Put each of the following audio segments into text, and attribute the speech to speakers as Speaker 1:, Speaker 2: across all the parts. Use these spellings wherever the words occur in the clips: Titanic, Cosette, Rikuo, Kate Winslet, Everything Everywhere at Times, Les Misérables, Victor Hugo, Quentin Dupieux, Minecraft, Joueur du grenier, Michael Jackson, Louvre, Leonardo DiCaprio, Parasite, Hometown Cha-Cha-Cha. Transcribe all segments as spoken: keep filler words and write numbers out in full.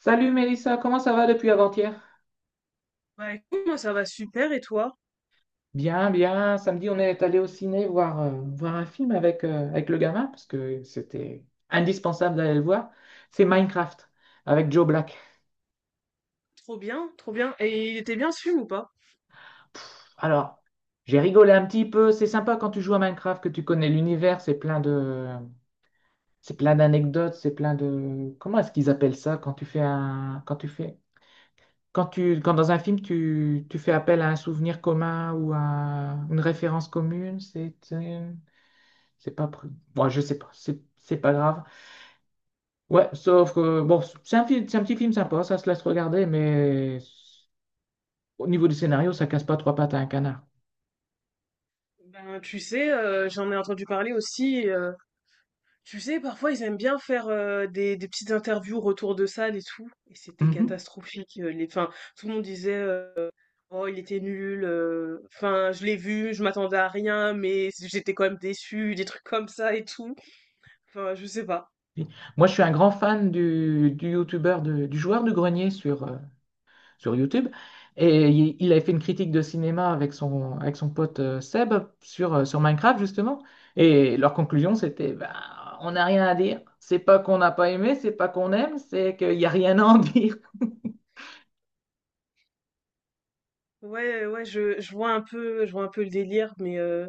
Speaker 1: Salut Mélissa, comment ça va depuis avant-hier?
Speaker 2: Bah écoute, moi ça va super et toi?
Speaker 1: Bien, bien. Samedi, on est allé au ciné voir, euh, voir un film avec, euh, avec le gamin parce que c'était indispensable d'aller le voir. C'est Minecraft avec Joe Black.
Speaker 2: Trop bien, trop bien. Et il était bien ce film ou pas?
Speaker 1: Pff, alors, j'ai rigolé un petit peu. C'est sympa quand tu joues à Minecraft que tu connais l'univers. C'est plein de, c'est plein d'anecdotes. C'est plein de. Comment est-ce qu'ils appellent ça quand tu fais un, quand tu fais, quand tu, quand dans un film tu, tu fais appel à un souvenir commun ou à une référence commune. C'est C'est pas. Pr- Moi, je sais pas. C'est c'est pas grave. Ouais, sauf que bon, c'est un, film- c'est un petit film sympa, ça se laisse regarder, mais au niveau du scénario, ça casse pas trois pattes à un canard.
Speaker 2: Ben tu sais, euh, j'en ai entendu parler aussi. Euh, tu sais, parfois ils aiment bien faire euh, des, des petites interviews, retour de salle et tout. Et c'était
Speaker 1: Mhm.
Speaker 2: catastrophique. euh, les, enfin, tout le monde disait euh, oh il était nul. euh, Enfin, je l'ai vu, je m'attendais à rien, mais j'étais quand même déçue, des trucs comme ça et tout. Enfin, je sais pas.
Speaker 1: Oui. Moi, je suis un grand fan du, du youtubeur, de- du joueur du grenier sur, euh, sur YouTube. Et il, il avait fait une critique de cinéma avec son, avec son pote euh, Seb sur, euh, sur Minecraft, justement. Et leur conclusion, c'était, bah, on n'a rien à dire. C'est pas qu'on n'a pas aimé, c'est pas qu'on aime, c'est qu'il n'y a rien à en dire.
Speaker 2: Ouais, ouais, je, je vois un peu, je vois un peu le délire, mais euh,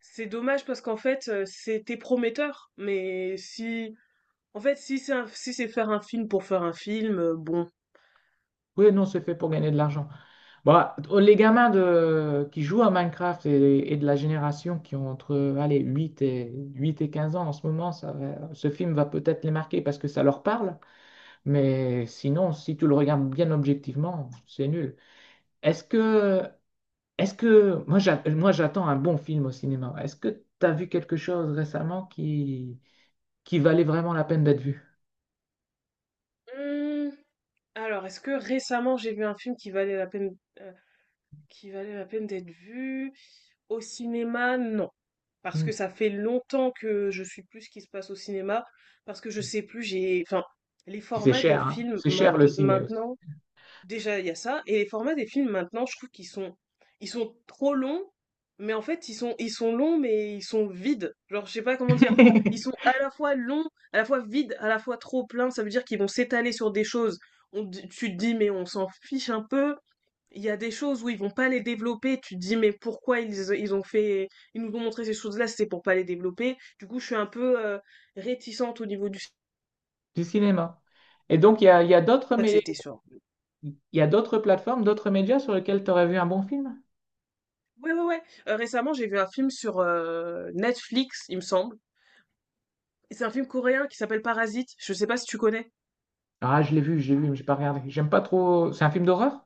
Speaker 2: c'est dommage parce qu'en fait, euh, c'était prometteur. Mais si, en fait, si c'est un- si c'est faire un film pour faire un film, euh, bon.
Speaker 1: Oui, non, c'est fait pour gagner de l'argent. Bah, les gamins de, qui jouent à Minecraft et, et de la génération qui ont entre allez, huit et, huit et quinze ans en ce moment, ça va- ce film va peut-être les marquer parce que ça leur parle. Mais sinon, si tu le regardes bien objectivement, c'est nul. Est-ce que, est-ce que moi, j'a- moi, j'attends un bon film au cinéma. Est-ce que tu as vu quelque chose récemment qui, qui valait vraiment la peine d'être vu?
Speaker 2: Hmm, alors, est-ce que récemment j'ai vu un film qui valait la peine, euh, qui valait la peine d'être vu au cinéma? Non, parce
Speaker 1: Hmm.
Speaker 2: que ça fait longtemps que je suis plus ce qui se passe au cinéma, parce que je sais plus, j'ai, enfin, les
Speaker 1: Puis c'est
Speaker 2: formats des
Speaker 1: cher, hein?
Speaker 2: films
Speaker 1: C'est cher le
Speaker 2: mainte-
Speaker 1: ciné aussi.
Speaker 2: maintenant. Déjà, il y a ça. Et les formats des films maintenant, je trouve qu'ils sont, ils sont trop longs, mais en fait, ils sont, ils sont longs, mais ils sont vides. Genre, je sais pas comment dire. Ils sont à la fois longs, à la fois vides, à la fois trop pleins. Ça veut dire qu'ils vont s'étaler sur des choses. On, te- tu te dis, mais on s'en fiche un peu. Il y a des choses où ils vont pas les développer. Tu te dis, mais pourquoi ils, ils ont fait, ils nous ont montré ces choses-là, c'est pour pas les développer. Du coup, je suis un peu euh, réticente au niveau du. Je
Speaker 1: du cinéma. Et donc, il y a, il y a d'autres
Speaker 2: crois que
Speaker 1: mé-
Speaker 2: c'était sur...
Speaker 1: il y a d'autres plateformes, d'autres médias sur lesquels tu aurais vu un bon film?
Speaker 2: Ouais, ouais, ouais. Heu, récemment, j'ai vu un film sur heu, Netflix, il me semble. Et c'est un film coréen qui s'appelle Parasite. Je sais pas si tu connais?
Speaker 1: Ah, je l'ai vu, je l'ai vu, mais j'ai pas regardé. J'aime pas trop. C'est un film d'horreur?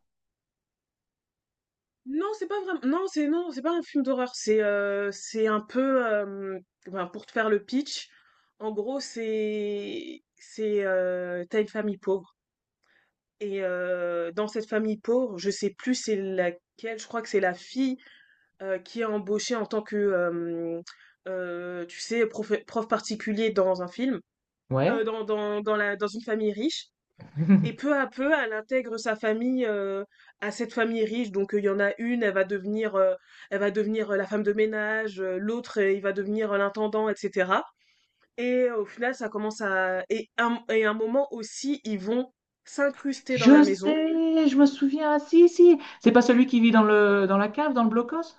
Speaker 2: Non, c'est pas vraiment non, c'est non, c'est pas un film d'horreur. C'est, heu, c'est un peu, hem, ben, pour te faire le pitch, en gros, c'est c'est, heu, tu une famille pauvre et heu, dans cette famille pauvre, je sais plus c'est laquelle, je crois que c'est la fille, heu, qui est embauchée en tant que, hem, heu, tu sais, prof prof particulier dans un film heu,
Speaker 1: Ouais.
Speaker 2: dans dans dans la dans une famille riche et peu à peu, elle intègre sa famille, heu, à cette famille riche. Donc, heu, il y en a une, elle va devenir, heu, elle va devenir, heu, la femme de ménage, heu, l'autre, heu, il va devenir, heu, l'intendant et cetera et heu, au final, ça commence à et un et un moment aussi, ils vont s'incruster dans la
Speaker 1: Je
Speaker 2: maison.
Speaker 1: sais, je me souviens. Ah, si, si. C'est pas celui qui vit dans le, dans la cave, dans le blocos?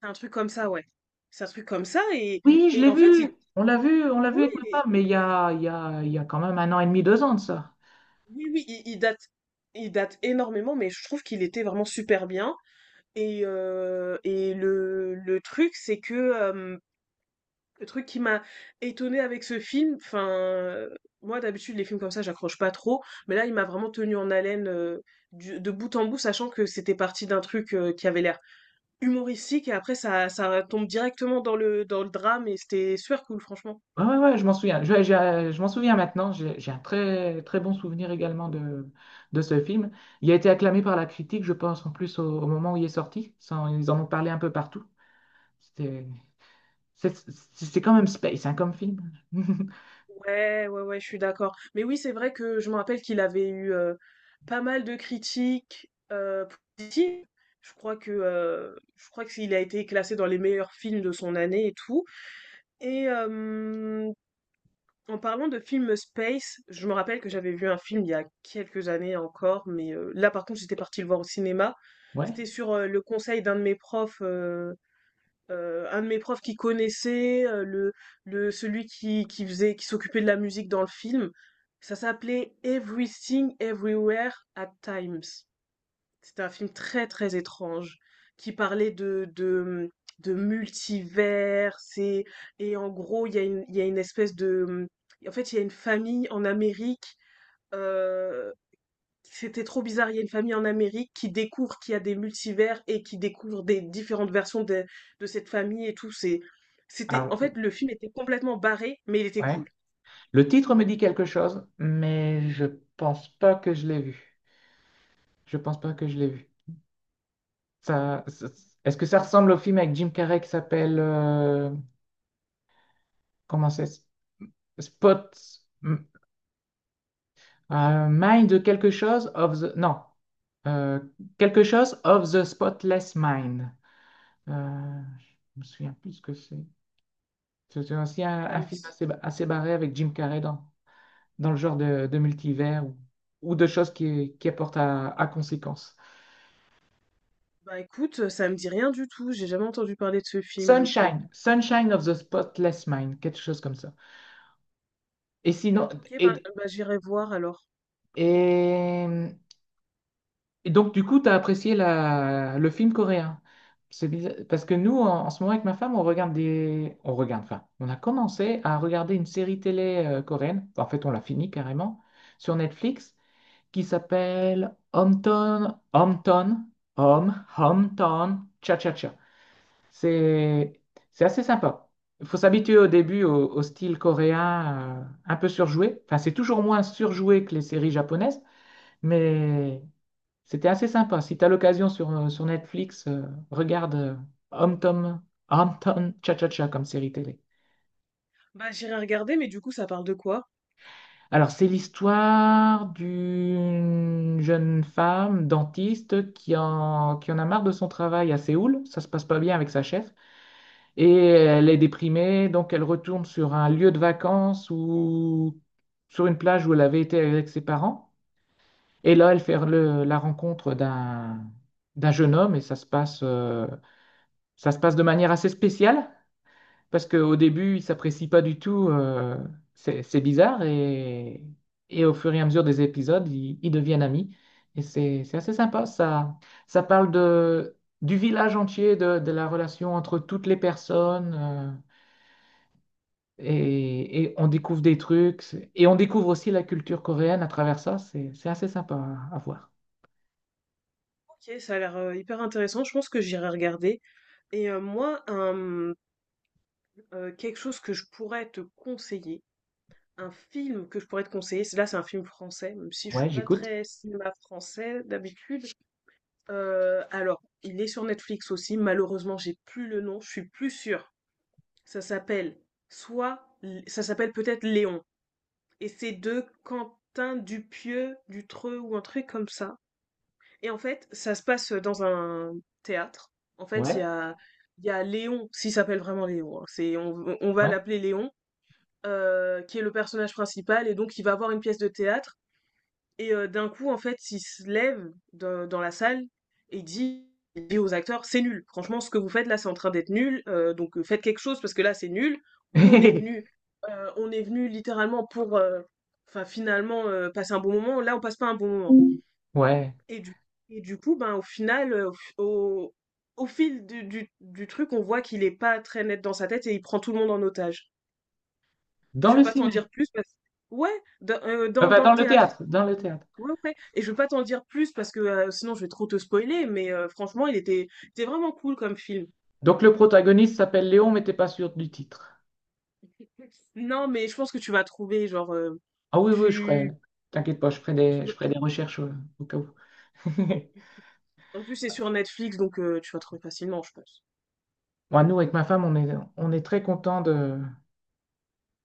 Speaker 2: C'est un truc comme ça, ouais. C'est un truc comme ça et
Speaker 1: Oui, je
Speaker 2: et
Speaker 1: l'ai
Speaker 2: en fait,
Speaker 1: vu.
Speaker 2: il
Speaker 1: On l'a vu, on l'a vu
Speaker 2: oui,
Speaker 1: avec
Speaker 2: oui,
Speaker 1: ma
Speaker 2: mais
Speaker 1: femme, mais il y a, il y a, il y a quand même un an et demi, deux ans de ça.
Speaker 2: oui, oui, il il date il date énormément mais je trouve qu'il était vraiment super bien. Et heu et le le truc, c'est que, hem, le truc qui m'a étonnée avec ce film, enfin, heu, moi d'habitude les films comme ça j'accroche pas trop, mais là il m'a vraiment tenu en haleine, heu, du de bout en bout, sachant que c'était parti d'un truc, heu, qui avait l'air humoristique et après ça ça tombe directement dans le dans le drame et c'était super cool franchement.
Speaker 1: Ouais, ouais, ouais, je m'en souviens. Je, je- je m'en souviens maintenant. J'ai j'ai un très, très bon souvenir également de, de ce film. Il a été acclamé par la critique, je pense, en plus au, au moment où il est sorti. Ça, ils en ont parlé un peu partout. C'était c'est c'est- c'est quand même space, hein, comme film.
Speaker 2: Ouais, ouais, ouais, je suis d'accord. Mais oui, c'est vrai que je me rappelle qu'il avait eu euh, pas mal de critiques euh, positives. Je crois que euh, je crois qu'il a été classé dans les meilleurs films de son année et tout. Et euh, en parlant de film space, je me rappelle que j'avais vu un film il y a quelques années encore, mais euh, là par contre j'étais partie le voir au cinéma.
Speaker 1: Ouais.
Speaker 2: C'était sur euh, le conseil d'un de mes profs euh, un de mes profs qui connaissait euh, le, le celui qui, qui faisait qui s'occupait de la musique dans le film. Ça s'appelait Everything Everywhere at Times. C'était un film très très étrange qui parlait de de, de multivers et, et en gros il y a une il y a une espèce de en fait il y a une famille en Amérique euh, c'était trop bizarre, il y a une famille en Amérique qui découvre qu'il y a des multivers et qui découvre des différentes versions de, de cette famille et tout. C'est, c'était,
Speaker 1: Alors,
Speaker 2: en fait, le film était complètement barré, mais il était cool.
Speaker 1: ouais. Le titre me dit quelque chose, mais je pense pas que je l'ai vu. Je pense pas que je l'ai vu. Ça, ça- est-ce que ça ressemble au film avec Jim Carrey qui s'appelle euh, comment c'est? Spot. Euh, mind quelque chose of the... Non. Euh, quelque chose of the spotless mind. Euh, je me souviens plus ce que c'est. C'est aussi un,
Speaker 2: Ça
Speaker 1: un
Speaker 2: me
Speaker 1: film
Speaker 2: dit,
Speaker 1: assez, assez barré avec Jim Carrey dans, dans le genre de, de multivers ou, ou de choses qui, qui apportent à, à conséquence.
Speaker 2: Bah écoute, ça me dit rien du tout. J'ai jamais entendu parler de ce film, je crois.
Speaker 1: Sunshine. Sunshine of the spotless mind. Quelque chose comme ça. Et sinon...
Speaker 2: Ok, bah,
Speaker 1: Et,
Speaker 2: bah j'irai voir alors.
Speaker 1: et Et donc, du coup, t'as apprécié la... le film coréen. C'est bizarre- Parce que nous, en, en ce moment, avec ma femme, on regarde des... On regarde, enfin, on a commencé à regarder une série télé euh, coréenne. En fait, on l'a fini carrément sur Netflix qui s'appelle Hometown, Hometown, Home, Hometown, Cha-Cha-Cha. C'est c'est assez sympa. Il faut s'habituer au début au, au style coréen euh, un peu surjoué. Enfin, c'est toujours moins surjoué que les séries japonaises, mais c'était assez sympa. Si tu as l'occasion sur, euh, sur Netflix, euh, regarde euh, Home Tom, Home Tom Cha-Cha-Cha comme série télé.
Speaker 2: Bah j'irai regarder, mais du coup, ça parle de quoi?
Speaker 1: Alors, c'est l'histoire d'une jeune femme dentiste qui en, qui en a marre de son travail à Séoul. Ça se passe pas bien avec sa chef. Et elle est déprimée, donc elle retourne sur un lieu de vacances ou sur une plage où elle avait été avec ses parents. Et là, elle fait le- la rencontre d'un d'un jeune homme et ça se passe. euh, Ça se passe de manière assez spéciale parce qu'au début, ils s'apprécient pas du tout. euh, c'est c'est bizarre et, et au fur et à mesure des épisodes, ils, ils deviennent amis. Et c'est c'est assez sympa. Ça, ça parle de, du village entier, de, de la relation entre toutes les personnes. euh, et, et on découvre des trucs. c'est- Et on découvre aussi la culture coréenne à travers ça. C'est c'est assez sympa à, à voir.
Speaker 2: Ok, ça a l'air euh, hyper intéressant. Je pense que j'irai regarder. Et euh, moi, un, euh, quelque chose que je pourrais te conseiller, un film que je pourrais te conseiller, c'est- là c'est un film français, même si je suis
Speaker 1: Ouais,
Speaker 2: pas
Speaker 1: j'écoute.
Speaker 2: très cinéma français d'habitude. Euh, alors, il est sur Netflix aussi. Malheureusement, j'ai plus le nom. Je suis plus sûre. Ça s'appelle soit, ça s'appelle peut-être Léon. Et c'est de Quentin Dupieux, Dutreux ou un truc comme ça. Et en fait, ça se passe dans un théâtre. En fait, il y
Speaker 1: Ouais,
Speaker 2: a, il y a Léon, s'il s'appelle vraiment Léon, hein, c'est, on, on va
Speaker 1: ouais.
Speaker 2: l'appeler Léon, euh, qui est le personnage principal, et donc il va voir une pièce de théâtre, et euh, d'un coup, en fait, il se lève dans, dans la salle et dit, il dit aux acteurs, c'est nul, franchement, ce que vous faites là, c'est en train d'être nul, euh, donc euh, faites quelque chose, parce que là, c'est nul. Nous, on est venus, euh, on est venus littéralement pour, euh, enfin, finalement, euh, passer un bon moment, là, on passe pas un bon moment.
Speaker 1: Ouais.
Speaker 2: Et du, et du coup, ben, au final, euh, au, f- au, au fil du, du, du truc, on voit qu'il est pas très net dans sa tête et il prend tout le monde en otage. Et
Speaker 1: Dans
Speaker 2: je vais
Speaker 1: le
Speaker 2: pas t'en
Speaker 1: ciné.
Speaker 2: dire plus parce que... Ouais, dans, euh, dans,
Speaker 1: Enfin,
Speaker 2: dans le
Speaker 1: dans le
Speaker 2: théâtre.
Speaker 1: théâtre. Dans le théâtre.
Speaker 2: Ouais, ouais. Et je vais pas t'en dire plus parce que euh, sinon je vais trop te spoiler, mais euh, franchement, il était, c'était vraiment cool comme film.
Speaker 1: Donc le protagoniste s'appelle Léon, mais t'es pas sûr du titre.
Speaker 2: Non, mais je pense que tu vas trouver, genre. Euh,
Speaker 1: Ah oui, oui, je ferai.
Speaker 2: tu,
Speaker 1: T'inquiète pas, je ferai des,
Speaker 2: tu
Speaker 1: je ferai des recherches euh, au cas où.
Speaker 2: En plus, c'est sur Netflix, donc euh, tu vas trouver facilement, je pense.
Speaker 1: Moi, nous, avec ma femme, on est, on est très content de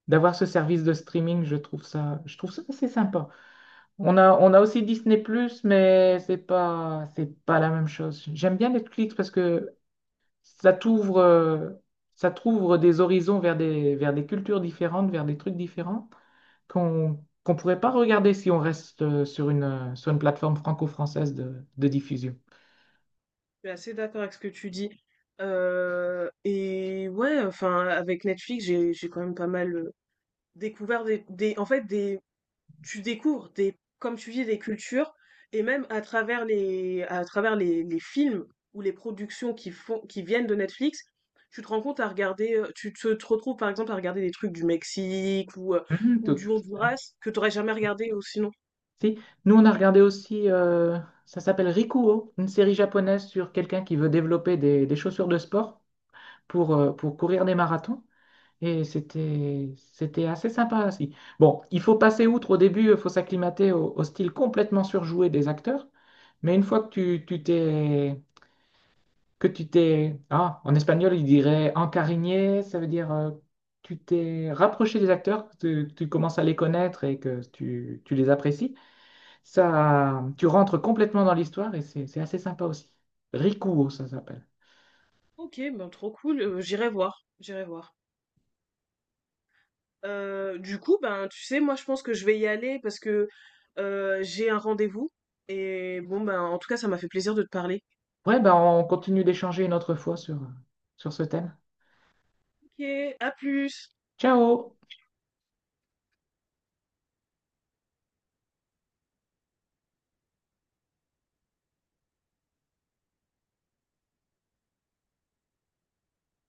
Speaker 1: d'avoir ce service de streaming. Je trouve ça, je trouve ça assez sympa. On a, on a aussi Disney+, mais c'est pas, c'est pas la même chose. J'aime bien Netflix parce que ça t'ouvre, euh, ça t'ouvre des horizons vers des, vers des cultures différentes, vers des trucs différents. qu'on qu'on pourrait pas regarder si on reste euh, sur une, euh, sur une plateforme franco-française de, de diffusion.
Speaker 2: Je suis assez d'accord avec ce que tu dis. Euh, et ouais, enfin, avec Netflix, j'ai j'ai quand même pas mal. Découvert des des en fait des tu découvres des comme tu dis des cultures et même à travers les à travers les les films ou les productions qui font qui viennent de Netflix, tu te rends compte à regarder, heu, tu te te retrouves par exemple à regarder des trucs du Mexique ou, heu,
Speaker 1: Mhm,
Speaker 2: ou du
Speaker 1: tout.
Speaker 2: Honduras que t'aurais jamais regardé, ou sinon.
Speaker 1: Si. Nous, on a regardé aussi, euh, ça s'appelle Rikuo, une série japonaise sur quelqu'un qui veut développer des, des chaussures de sport pour, euh, pour courir des marathons. Et c'était, c'était assez sympa aussi. Bon, il faut passer outre au début, il faut s'acclimater au, au style complètement surjoué des acteurs. Mais une fois que tu, tu t'es, que tu t'es... Ah, en espagnol, il dirait encariñé, ça veut dire euh, tu t'es rapproché des acteurs, que tu, tu commences à les connaître et que tu, tu les apprécies. Ça, tu rentres complètement dans l'histoire et c'est c'est assez sympa aussi. Rico, ça s'appelle.
Speaker 2: OK, ben, trop cool, heu, j'irai voir, j'irai voir. Heu, du coup, ben, tu sais, moi je pense que je vais y aller parce que, heu, j'ai un rendez-vous et bon, ben, en tout cas ça m'a fait plaisir de te parler.
Speaker 1: Ouais, ben on continue d'échanger une autre fois sur, sur ce thème.
Speaker 2: OK, à plus!
Speaker 1: Ciao!